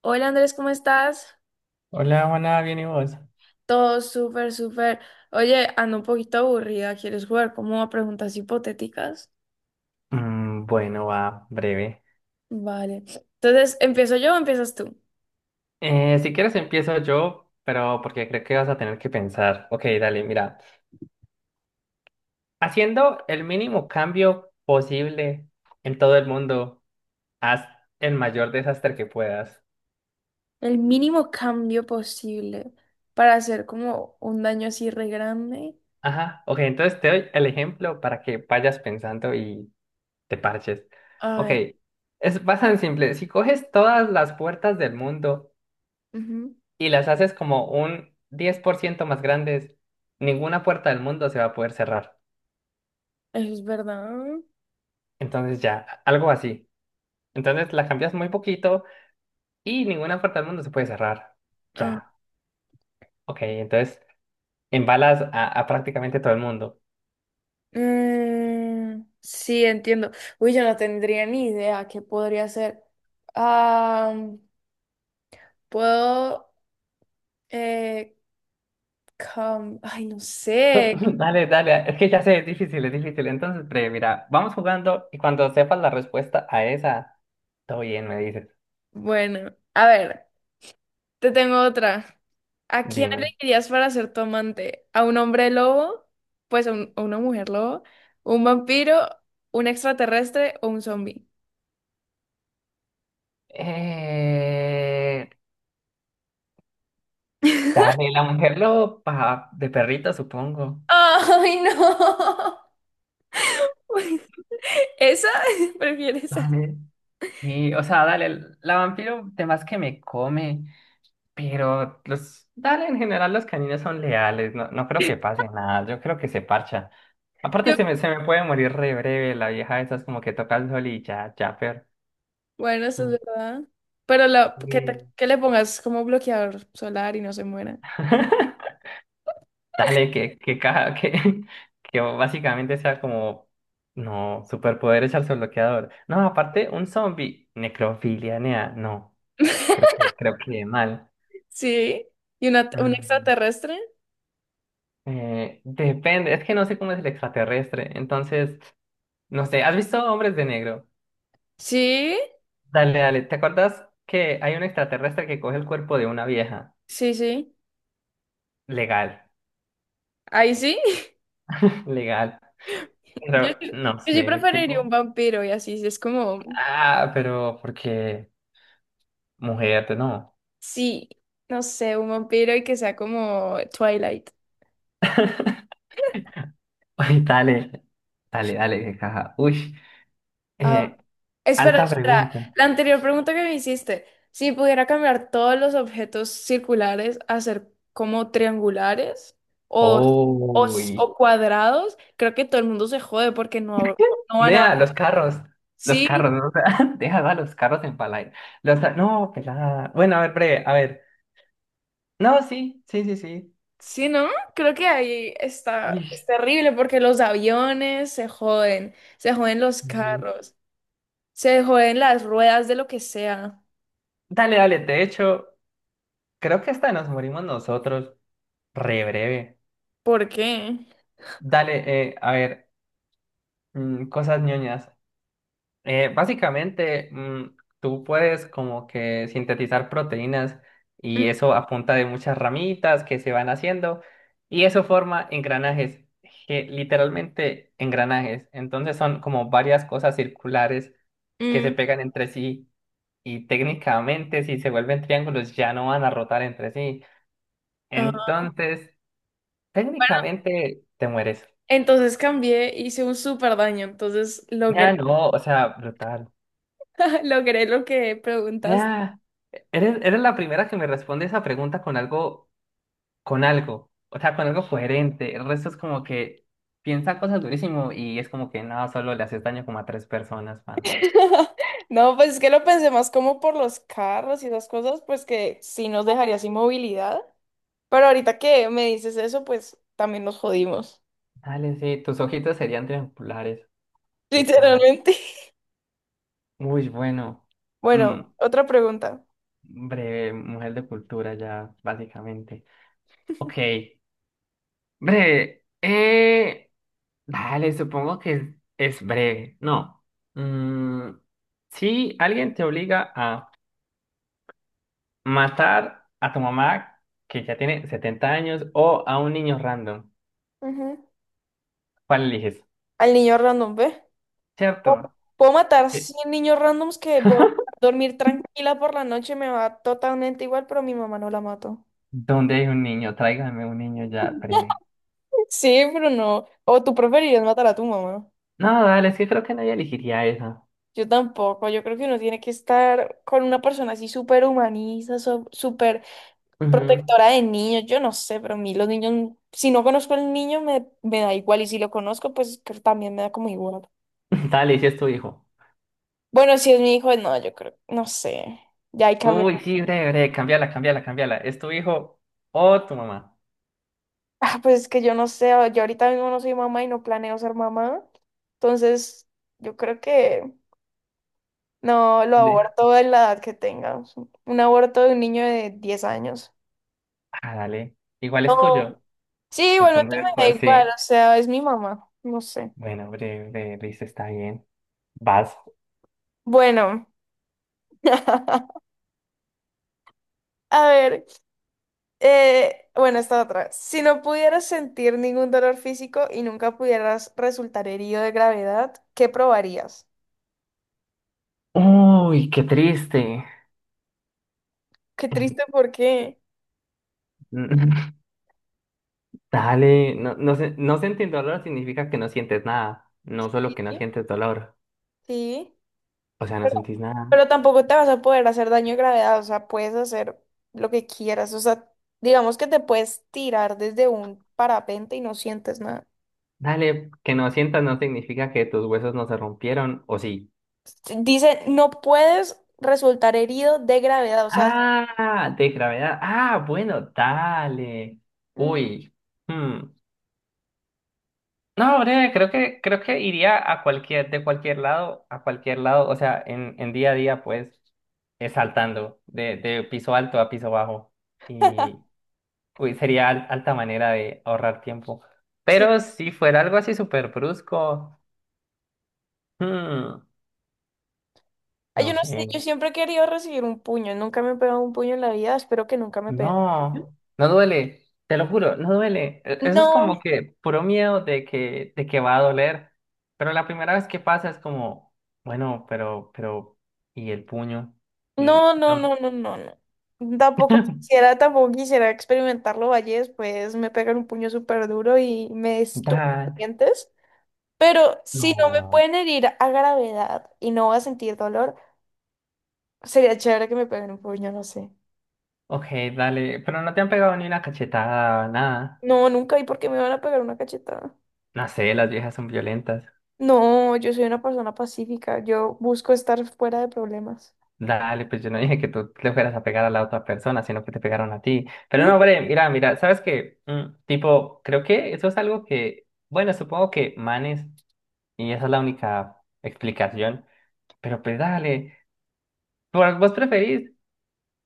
Hola Andrés, ¿cómo estás? Hola, Juana, ¿bien y vos? Todo súper, súper. Oye, ando un poquito aburrida. ¿Quieres jugar como a preguntas hipotéticas? Bueno, va, breve. Vale. Entonces, ¿empiezo yo o empiezas tú? Si quieres empiezo yo, pero porque creo que vas a tener que pensar. Ok, dale, mira. Haciendo el mínimo cambio posible en todo el mundo, haz el mayor desastre que puedas. El mínimo cambio posible para hacer como un daño así re grande. Ajá, ok, entonces te doy el ejemplo para que vayas pensando y te parches. A Ok, ver. es bastante simple. Si coges todas las puertas del mundo Ujú. y las haces como un 10% más grandes, ninguna puerta del mundo se va a poder cerrar. Eso es verdad. Entonces ya, algo así. Entonces la cambias muy poquito y ninguna puerta del mundo se puede cerrar. Ah, Ya, ok, entonces embalas a prácticamente todo el mundo. mm, sí, entiendo. Uy, yo no tendría ni idea qué podría hacer. Ah, puedo, eh, ay, no sé. Dale, dale, es que ya sé, es difícil, es difícil. Entonces, pre, mira, vamos jugando y cuando sepas la respuesta a esa, todo bien, me dices, Bueno, a ver, te tengo otra. ¿A quién dime. elegirías para ser tu amante? ¿A un hombre lobo? Pues a una mujer lobo, un vampiro, un extraterrestre o un zombie. Eh, Dale, la mujer loba, de perrito, supongo. ¡Ay, no! ¿Esa? ¿Prefieres esa? Dale. Sí, o sea, dale, la vampiro, temas que me come, pero los, dale, en general los caninos son leales, no, no creo que pase nada, yo creo que se parcha. Aparte Yo- se me puede morir re breve, la vieja esa es como que toca el sol y ya, ya, pero Bueno, eso es mm, verdad. Pero bien. que le pongas como bloqueador solar y no se muera. Dale, caja, que básicamente sea como, no, superpoder echarse bloqueador. No, aparte, un zombie, necrofilia, nea, no, creo que mal. Sí. ¿Y un Mm. extraterrestre? Depende, es que no sé cómo es el extraterrestre, entonces, no sé, ¿has visto Hombres de Negro? Sí, Dale, dale, ¿te acuerdas que hay un extraterrestre que coge el cuerpo de una vieja? sí, sí. Legal, Ahí sí. legal, Yo, pero sí no yo sí sé, preferiría un tipo, vampiro y así, es como, ah, pero porque mujer, no. sí, no sé, un vampiro y que sea como Twilight. Ay, dale, dale, dale, qué caja. Uy, Ah, eh, espera, alta espera, pregunta. la anterior pregunta que me hiciste, si pudiera cambiar todos los objetos circulares a ser como triangulares o, o, Uy. o cuadrados, creo que todo el mundo se jode porque no van a... Nea, los Sí, carros, ¿no? O sea, deja a los carros en palay. Los, no, pelada. Bueno, a ver, breve, a ver. No, sí, sí, sí, sí. sí, Ts- ¿no? Creo que ahí está, Uy. es terrible porque los aviones se joden los Sí. carros. Se joden las ruedas de lo que sea. Dale, dale, de hecho, creo que hasta nos morimos nosotros. Re breve. ¿Por qué? Dale, a ver, cosas ñoñas. Básicamente, tú puedes como que sintetizar proteínas y eso a punta de muchas ramitas que se van haciendo y eso forma engranajes, que literalmente engranajes. Entonces son como varias cosas circulares que Mm. se pegan entre sí y técnicamente si se vuelven triángulos ya no van a rotar entre sí. Ah. Entonces, técnicamente te mueres. Entonces cambié, hice un súper daño, entonces logré, Ya no, o sea, brutal. logré lo que preguntaste. Vea, eres, eres la primera que me responde esa pregunta con algo, o sea, con algo coherente. El resto es como que piensa cosas durísimo y es como que no, solo le haces daño como a tres personas, pana. No, pues es que lo pensé más como por los carros y esas cosas, pues que sí nos dejaría sin movilidad. Pero ahorita que me dices eso, pues también nos jodimos. Dale, sí, tus ojitos serían triangulares. Qué caja. Literalmente. Uy, bueno. Bueno, Mm, otra pregunta. breve, mujer de cultura ya, básicamente. Ok, breve. Dale, supongo que es breve. No. Mm, si alguien te obliga a matar a tu mamá, que ya tiene 70 años, o a un niño random. Ujú. ¿Cuál eliges? Al niño random, ¿ve? ¿Cierto? Puedo matar ¿Qué? 100 niños randoms que voy a dormir tranquila por la noche, me va totalmente igual, pero a mi mamá no la mato. ¿Dónde hay un niño? Tráigame un niño ya breve. Sí, pero no. O tú preferirías matar a tu mamá. No, dale, es que creo que nadie elegiría esa. Yo tampoco. Yo creo que uno tiene que estar con una persona así súper humanista, súper Ujú. protectora de niños. Yo no sé, pero a mí los niños, si no conozco al niño, me da igual. Y si lo conozco, pues creo que también me da como igual. Dale, si es tu hijo. Bueno, si es mi hijo, no, yo creo, no sé. Ya ahí cambió. Uy, sí, breve, breve, cambiala, cambiala, cambiala. ¿Es tu hijo o tu mamá? Ah, pues es que yo no sé, yo ahorita mismo no soy mamá y no planeo ser mamá. Entonces, yo creo que no lo De- aborto en la edad que tenga. Un aborto de un niño de 10 años. Ah, dale. Igual es No. tuyo. Sí, igualmente Entonces, me da pues igual, o sí. sea, es mi mamá, no sé. Bueno, breve, breve, listo, está bien. Vas. Bueno, a ver, bueno, esta otra. Si no pudieras sentir ningún dolor físico y nunca pudieras resultar herido de gravedad, ¿qué probarías? Uy, qué triste. Qué triste, ¿por qué? Dale, no, no, se- no sentir dolor significa que no sientes nada, no solo Sí. que no sientes dolor, Sí. o sea, no Pero, sentís nada. pero tampoco te vas a poder hacer daño de gravedad, o sea, puedes hacer lo que quieras, o sea, digamos que te puedes tirar desde un parapente y no sientes nada. Dale, que no sientas no significa que tus huesos no se rompieron, o sí. Dice, no puedes resultar herido de gravedad, o sea, Ah, de gravedad. Ah, bueno, dale. mm, Uy. Hmm. No, breve, creo que iría a cualquier, de cualquier lado, a cualquier lado, o sea, en día a día, pues, saltando de piso alto a piso bajo. Y uy, sería al- alta manera de ahorrar tiempo. sí. Pero si fuera algo así súper brusco, hmm, Ay, no yo no sé, sé, yo siempre he querido recibir un puño, nunca me he pegado un puño en la vida, espero que nunca me peguen. no, no duele, te lo juro, no duele. E- Eso es No, como que puro miedo de que va a doler. Pero la primera vez que pasa es como, bueno, pero, ¿y el puño? Mm, no, no, no, no, no, no, no. Tampoco quisiera, tampoco quisiera experimentarlo, vaya, después me pegan un puño súper duro y me estumpen los dale, dientes. Pero si no me no. pueden herir a gravedad y no voy a sentir dolor, sería chévere que me peguen un puño, no sé. Ok, dale, pero no te han pegado ni una cachetada, nada. No, nunca. ¿Y por qué me van a pegar una cachetada? No sé, las viejas son violentas. No, yo soy una persona pacífica. Yo busco estar fuera de problemas. Dale, pues yo no dije que tú le fueras a pegar a la otra persona, sino que te pegaron a ti. Pero ¿Mm? no, hombre, mira, mira, ¿sabes qué? Tipo, creo que eso es algo que, bueno, supongo que manes, y esa es la única explicación, pero pues dale, por- vos preferís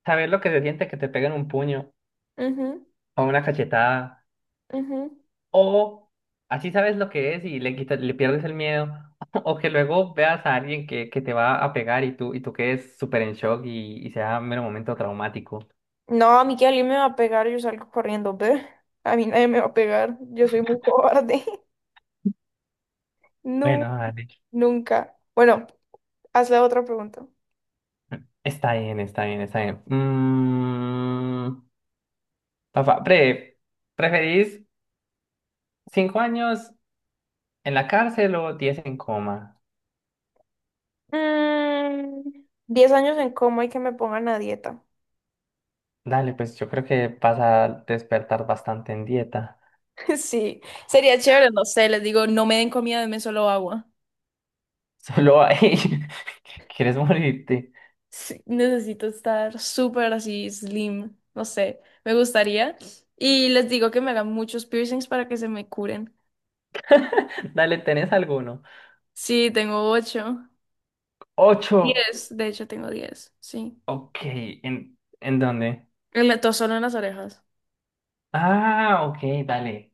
saber lo que se siente que te peguen un puño Ujú, o una cachetada, ujú. o así sabes lo que es y le quitas, le pierdes el miedo, o que luego veas a alguien que te va a pegar y tú quedes súper en shock y sea un mero momento traumático. No, a mí que alguien me va a pegar, yo salgo corriendo, ¿ve? A mí nadie me va a pegar. Yo soy muy cobarde. No, Bueno, dale. nunca. Bueno, hazle otra pregunta. Está bien, está bien, está bien. Papá, pre, ¿preferís 5 años en la cárcel o 10 en coma? Mm, 10 años en coma y que me pongan a dieta. Dale, pues yo creo que vas a despertar bastante en dieta. Sí, sería chévere, no sé, les digo, no me den comida, denme solo agua. Solo ahí. ¿Quieres morirte? Sí, necesito estar súper así slim, no sé, me gustaría. Y les digo que me hagan muchos piercings para que se me curen. Dale, ¿tenés alguno? Sí, tengo ocho, 8. 10, de hecho tengo 10, sí. Ok, en dónde? Y solo en las orejas. Ah, ok, dale.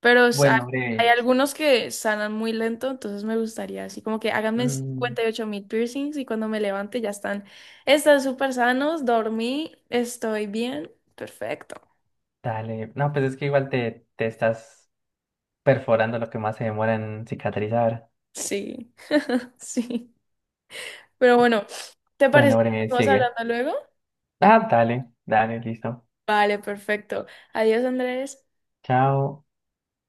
Pero Bueno, hay breve. algunos que sanan muy lento, entonces me gustaría así como que háganme Mm, 58.000 piercings y cuando me levante ya están, súper sanos, dormí, estoy bien, perfecto. dale. No, pues es que igual te, te estás perforando lo que más se demora en cicatrizar. Sí, sí. Pero bueno, ¿te parece Bueno, que Bre, estamos sigue. hablando luego? Ah, dale, dale, listo. Vale, perfecto. Adiós, Andrés. Chao.